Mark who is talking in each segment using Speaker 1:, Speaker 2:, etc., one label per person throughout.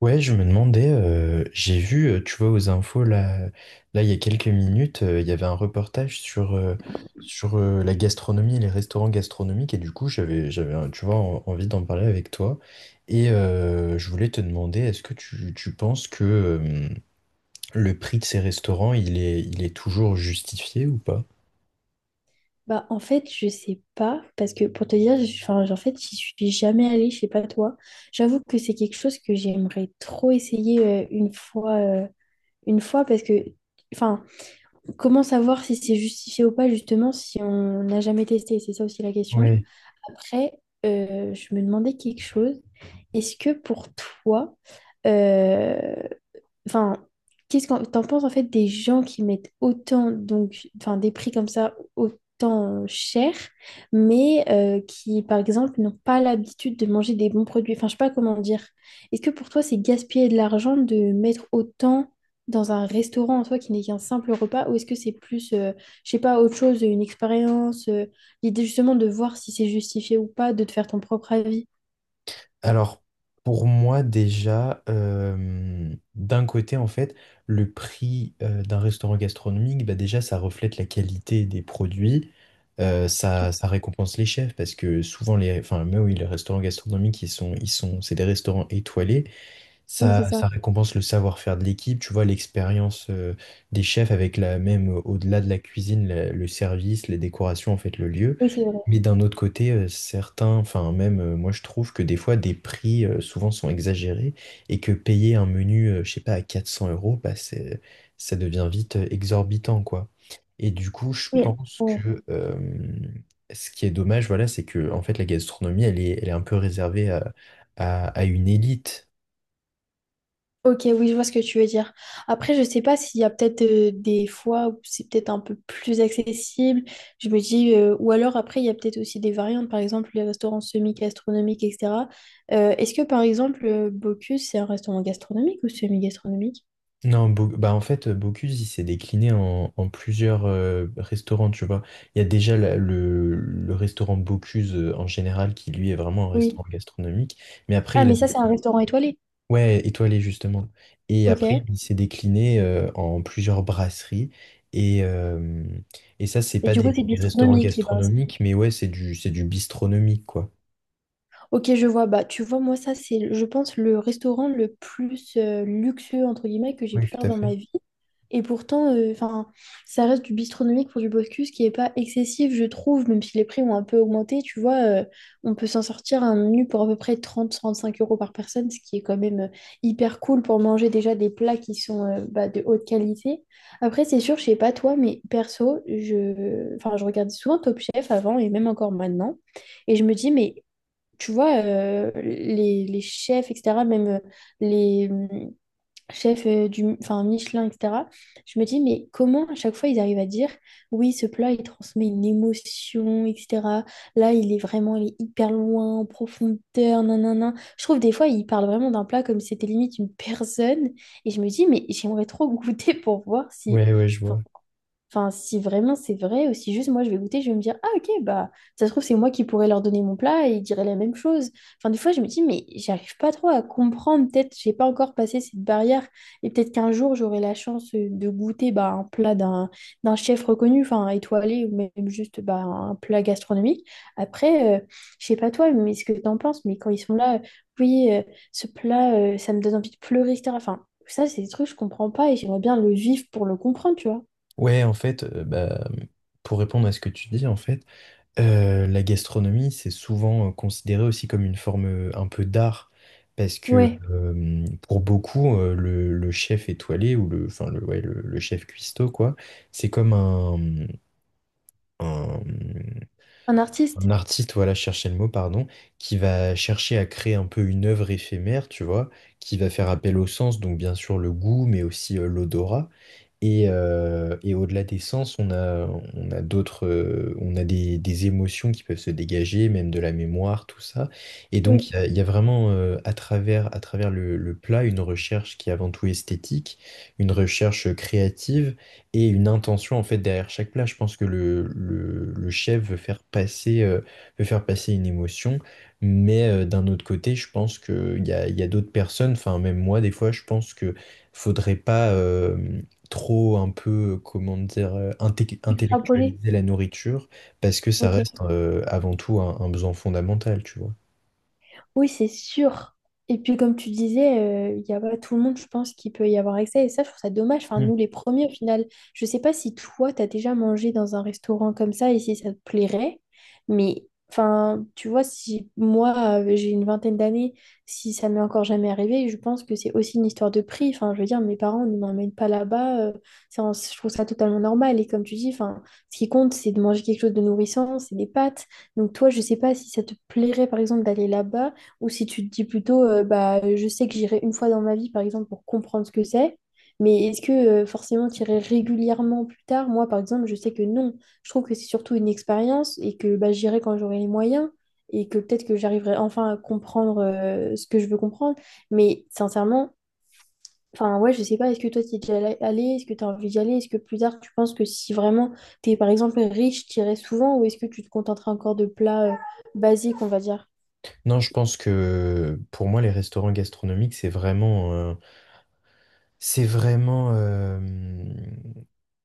Speaker 1: Ouais, je me demandais, j'ai vu, tu vois, aux infos, là, il y a quelques minutes, il y avait un reportage sur la gastronomie et les restaurants gastronomiques, et du coup, j'avais, tu vois, envie d'en parler avec toi. Et je voulais te demander, est-ce que tu penses que le prix de ces restaurants, il est toujours justifié ou pas?
Speaker 2: Bah, en fait, je sais pas, parce que pour te dire, enfin, en fait, j'y suis jamais allée, je sais pas toi. J'avoue que c'est quelque chose que j'aimerais trop essayer une fois, parce que, enfin, comment savoir si c'est justifié ou pas, justement, si on n'a jamais testé? C'est ça aussi la question.
Speaker 1: Oui.
Speaker 2: Après, je me demandais quelque chose. Est-ce que pour toi, euh, enfin, qu'est-ce que t'en penses en fait des gens qui mettent autant, donc, enfin, des prix comme ça autant cher, mais qui, par exemple, n'ont pas l'habitude de manger des bons produits. Enfin, je sais pas comment dire. Est-ce que pour toi, c'est gaspiller de l'argent de mettre autant dans un restaurant en soi qui n'est qu'un simple repas, ou est-ce que c'est plus, je sais pas, autre chose, une expérience. L'idée justement de voir si c'est justifié ou pas, de te faire ton propre avis.
Speaker 1: Alors, pour moi déjà, d'un côté, en fait, le prix d'un restaurant gastronomique, bah déjà, ça reflète la qualité des produits, ça récompense les chefs, parce que souvent, enfin, mais oui, les restaurants gastronomiques, ils sont, c'est des restaurants étoilés.
Speaker 2: Oui, c'est ça.
Speaker 1: Ça récompense le savoir-faire de l'équipe, tu vois, l'expérience des chefs avec la même, au-delà de la cuisine, le service, les décorations, en fait, le lieu.
Speaker 2: Oui, c'est vrai.
Speaker 1: Mais d'un autre côté, certains, enfin même moi je trouve que des fois des prix souvent sont exagérés et que payer un menu, je sais pas, à 400 euros, bah, c'est, ça devient vite exorbitant, quoi. Et du coup, je
Speaker 2: Oui.
Speaker 1: pense
Speaker 2: Ouais.
Speaker 1: que ce qui est dommage, voilà, c'est que en fait la gastronomie, elle est un peu réservée à, à une élite.
Speaker 2: Ok, oui, je vois ce que tu veux dire. Après, je sais pas s'il y a peut-être des fois où c'est peut-être un peu plus accessible. Je me dis, ou alors après, il y a peut-être aussi des variantes, par exemple les restaurants semi-gastronomiques, etc. Est-ce que par exemple, Bocuse, c'est un restaurant gastronomique ou semi-gastronomique?
Speaker 1: Non, bah en fait, Bocuse, il s'est décliné en plusieurs restaurants, tu vois. Il y a déjà le restaurant Bocuse en général, qui lui est vraiment un
Speaker 2: Oui.
Speaker 1: restaurant gastronomique. Mais après,
Speaker 2: Ah,
Speaker 1: il a...
Speaker 2: mais ça, c'est un restaurant étoilé.
Speaker 1: Ouais, étoilé justement. Et
Speaker 2: Ok.
Speaker 1: après,
Speaker 2: Et
Speaker 1: il s'est décliné en plusieurs brasseries. Et, euh, et ça, c'est pas
Speaker 2: du coup, c'est
Speaker 1: des restaurants
Speaker 2: bistronomique, les bars.
Speaker 1: gastronomiques, mais ouais, c'est du bistronomique, quoi.
Speaker 2: Ok, je vois. Bah, tu vois, moi, ça, c'est, je pense, le restaurant le plus luxueux, entre guillemets, que j'ai
Speaker 1: Oui,
Speaker 2: pu
Speaker 1: tout
Speaker 2: faire
Speaker 1: à
Speaker 2: dans
Speaker 1: fait.
Speaker 2: ma vie. Et pourtant, enfin, ça reste du bistronomique pour du Bocuse qui n'est pas excessif, je trouve, même si les prix ont un peu augmenté. Tu vois, on peut s'en sortir un menu pour à peu près 30-35 euros par personne, ce qui est quand même hyper cool pour manger déjà des plats qui sont bah, de haute qualité. Après, c'est sûr, je sais pas toi, mais perso, enfin, je regardais souvent Top Chef avant et même encore maintenant. Et je me dis, mais tu vois, les chefs, etc., même les chefs du, enfin, Michelin, etc., je me dis, mais comment à chaque fois ils arrivent à dire, oui, ce plat, il transmet une émotion, etc. Là, il est vraiment, il est hyper loin, en profondeur, nanana. Je trouve des fois, ils parlent vraiment d'un plat comme si c'était limite une personne. Et je me dis, mais j'aimerais trop goûter pour voir si.
Speaker 1: Ouais, ouais, je
Speaker 2: enfin,
Speaker 1: vois.
Speaker 2: Enfin, si vraiment c'est vrai, ou si juste moi je vais goûter, je vais me dire, ah ok, bah ça se trouve c'est moi qui pourrais leur donner mon plat et ils diraient la même chose. Enfin, des fois je me dis, mais j'arrive pas trop à comprendre, peut-être j'ai pas encore passé cette barrière et peut-être qu'un jour j'aurai la chance de goûter bah, un plat d'un chef reconnu, enfin étoilé ou même juste bah, un plat gastronomique. Après, je sais pas toi, mais ce que t'en penses, mais quand ils sont là, oui, ce plat, ça me donne envie de pleurer, etc. Enfin, ça c'est des trucs que je comprends pas et j'aimerais bien le vivre pour le comprendre, tu vois.
Speaker 1: Ouais, en fait, bah, pour répondre à ce que tu dis, en fait, la gastronomie, c'est souvent considéré aussi comme une forme un peu d'art, parce que
Speaker 2: Ouais.
Speaker 1: pour beaucoup, le chef étoilé, ou le, enfin, ouais, le chef cuistot, quoi, c'est comme un, un,
Speaker 2: Un
Speaker 1: un
Speaker 2: artiste?
Speaker 1: artiste, voilà, chercher le mot, pardon, qui va chercher à créer un peu une œuvre éphémère, tu vois, qui va faire appel au sens, donc bien sûr le goût, mais aussi l'odorat. Et au-delà des sens, on a d'autres, on a des émotions qui peuvent se dégager, même de la mémoire, tout ça. Et
Speaker 2: Ouais.
Speaker 1: donc, il y a vraiment, à travers le plat, une recherche qui est avant tout esthétique, une recherche créative et une intention, en fait, derrière chaque plat. Je pense que le chef veut faire passer une émotion. Mais d'un autre côté, je pense qu'il y a d'autres personnes, enfin, même moi, des fois, je pense que faudrait pas trop un peu, comment dire,
Speaker 2: Extrapolé?
Speaker 1: intellectualiser la nourriture, parce que ça
Speaker 2: Ok.
Speaker 1: reste avant tout un besoin fondamental, tu vois.
Speaker 2: Oui, c'est sûr. Et puis, comme tu disais, il y a pas tout le monde, je pense, qui peut y avoir accès. Et ça, je trouve ça dommage. Enfin,
Speaker 1: Mm.
Speaker 2: nous, les premiers, au final, je sais pas si toi, tu as déjà mangé dans un restaurant comme ça et si ça te plairait. Mais, enfin, tu vois, si moi, j'ai une vingtaine d'années, si ça m'est encore jamais arrivé, je pense que c'est aussi une histoire de prix. Enfin, je veux dire, mes parents ne m'emmènent pas là-bas. Je trouve ça totalement normal. Et comme tu dis, enfin, ce qui compte, c'est de manger quelque chose de nourrissant, c'est des pâtes. Donc, toi, je sais pas si ça te plairait, par exemple, d'aller là-bas. Ou si tu te dis plutôt, bah, je sais que j'irai une fois dans ma vie, par exemple, pour comprendre ce que c'est, mais est-ce que forcément tu irais régulièrement plus tard? Moi, par exemple, je sais que non. Je trouve que c'est surtout une expérience et que bah, j'irai quand j'aurai les moyens et que peut-être que j'arriverai enfin à comprendre ce que je veux comprendre. Mais sincèrement, enfin, ouais, je sais pas, est-ce que toi tu es déjà allé? Est-ce que tu as envie d'y aller? Est-ce que plus tard tu penses que si vraiment tu es, par exemple, riche, tu irais souvent ou est-ce que tu te contenterais encore de plats basiques, on va dire?
Speaker 1: Non, je pense que pour moi, les restaurants gastronomiques, c'est vraiment,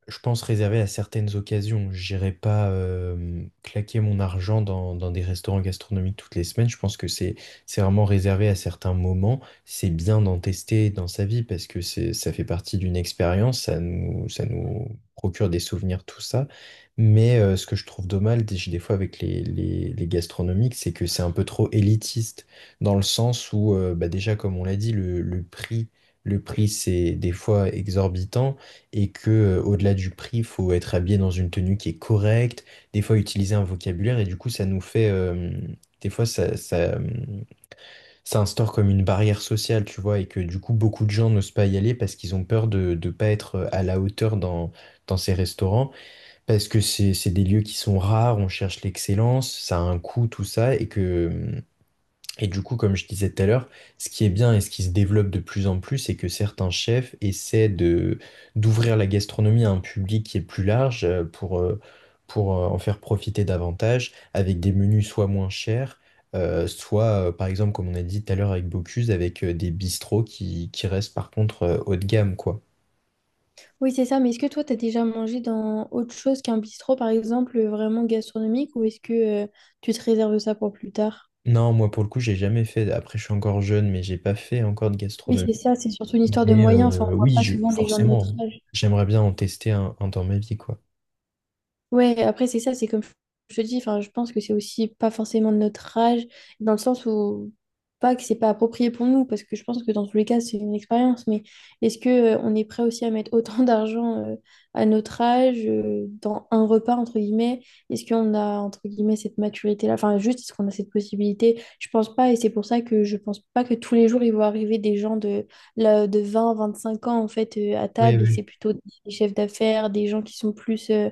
Speaker 1: je pense réserver à certaines occasions. J'irai pas claquer mon argent dans des restaurants gastronomiques toutes les semaines. Je pense que c'est vraiment réservé à certains moments. C'est bien d'en tester dans sa vie parce que c'est ça fait partie d'une expérience. Ça nous procure des souvenirs, tout ça. Mais ce que je trouve dommage des fois avec les gastronomiques, c'est que c'est un peu trop élitiste dans le sens où bah déjà comme on l'a dit, le prix c'est des fois exorbitant et que au-delà du prix, faut être habillé dans une tenue qui est correcte, des fois utiliser un vocabulaire et du coup ça nous fait des fois ça, ça, ça instaure comme une barrière sociale, tu vois, et que du coup beaucoup de gens n'osent pas y aller parce qu'ils ont peur de ne pas être à la hauteur dans ces restaurants, parce que c'est des lieux qui sont rares, on cherche l'excellence, ça a un coût, tout ça, et du coup, comme je disais tout à l'heure, ce qui est bien et ce qui se développe de plus en plus, c'est que certains chefs essaient de d'ouvrir la gastronomie à un public qui est plus large pour en faire profiter davantage avec des menus soit moins chers, soit par exemple, comme on a dit tout à l'heure avec Bocuse, avec des bistrots qui restent par contre haut de gamme, quoi.
Speaker 2: Oui, c'est ça, mais est-ce que toi, tu as déjà mangé dans autre chose qu'un bistrot, par exemple, vraiment gastronomique, ou est-ce que euh, tu te réserves ça pour plus tard?
Speaker 1: Non, moi pour le coup, j'ai jamais fait. Après, je suis encore jeune, mais j'ai pas fait encore de
Speaker 2: Oui,
Speaker 1: gastronomie.
Speaker 2: c'est ça, c'est surtout une histoire de
Speaker 1: Mais
Speaker 2: moyens. Enfin, on voit
Speaker 1: oui,
Speaker 2: pas souvent des gens de notre
Speaker 1: forcément,
Speaker 2: âge.
Speaker 1: j'aimerais bien en tester un dans ma vie, quoi.
Speaker 2: Ouais, après, c'est ça, c'est comme je te dis, enfin, je pense que c'est aussi pas forcément de notre âge, dans le sens où, pas que c'est pas approprié pour nous, parce que je pense que dans tous les cas, c'est une expérience, mais est-ce que on est prêt aussi à mettre autant d'argent à notre âge, dans un repas, entre guillemets? Est-ce qu'on a, entre guillemets, cette maturité-là? Enfin, juste, est-ce qu'on a cette possibilité? Je pense pas, et c'est pour ça que je pense pas que tous les jours, il vont arriver des gens de, là, de 20-25 ans, en fait, à
Speaker 1: Oui,
Speaker 2: table, et que
Speaker 1: oui.
Speaker 2: c'est plutôt des chefs d'affaires, des gens qui sont plus.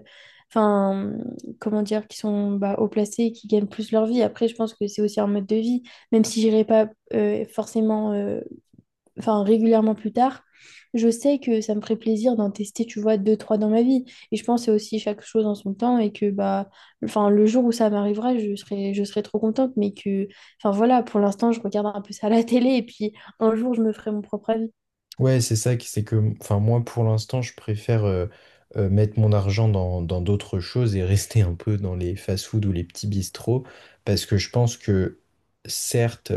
Speaker 2: Enfin, comment dire, qui sont bah, haut placés, qui gagnent plus leur vie. Après, je pense que c'est aussi un mode de vie, même si j'irai pas forcément, enfin, régulièrement plus tard. Je sais que ça me ferait plaisir d'en tester, tu vois, deux, trois dans ma vie. Et je pense que c'est aussi chaque chose en son temps et que, bah, enfin, le jour où ça m'arrivera, je serai trop contente. Mais que, enfin, voilà, pour l'instant, je regarde un peu ça à la télé et puis un jour, je me ferai mon propre avis.
Speaker 1: Ouais, c'est ça, c'est que, enfin, moi, pour l'instant, je préfère mettre mon argent dans d'autres choses et rester un peu dans les fast-food ou les petits bistrots, parce que je pense que, certes,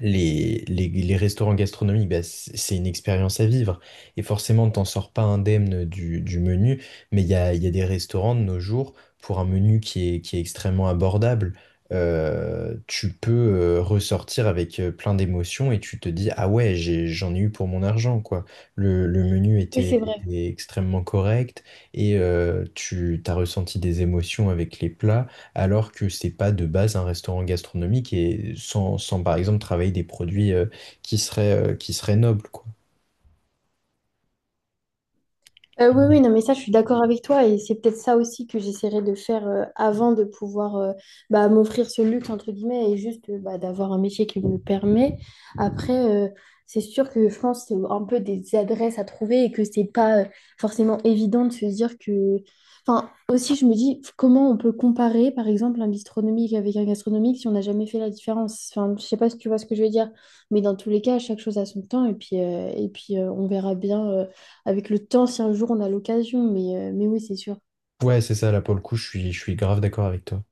Speaker 1: Les restaurants gastronomiques, bah, c'est une expérience à vivre. Et forcément, t'en sors pas indemne du menu, mais il y a des restaurants de nos jours pour un menu qui est extrêmement abordable. Tu peux ressortir avec plein d'émotions et tu te dis, ah ouais, j'en ai eu pour mon argent, quoi. Le menu
Speaker 2: Oui,
Speaker 1: était,
Speaker 2: c'est vrai.
Speaker 1: était extrêmement correct et tu as ressenti des émotions avec les plats alors que c'est pas de base un restaurant gastronomique et sans par exemple travailler des produits qui seraient nobles, quoi.
Speaker 2: Oui, oui,
Speaker 1: Mais-
Speaker 2: non, mais ça, je suis d'accord avec toi et c'est peut-être ça aussi que j'essaierai de faire avant de pouvoir bah, m'offrir ce luxe, entre guillemets, et juste bah, d'avoir un métier qui me le permet. Après, c'est sûr que je pense que c'est un peu des adresses à trouver et que c'est pas forcément évident de se dire que. Enfin, aussi, je me dis comment on peut comparer, par exemple, un bistronomique avec un gastronomique si on n'a jamais fait la différence. Enfin, je sais pas si tu vois ce que je veux dire, mais dans tous les cas, chaque chose a son temps et puis, on verra bien, avec le temps si un jour on a l'occasion. Mais oui, c'est sûr.
Speaker 1: Ouais, c'est ça, là pour le coup, je suis grave d'accord avec toi.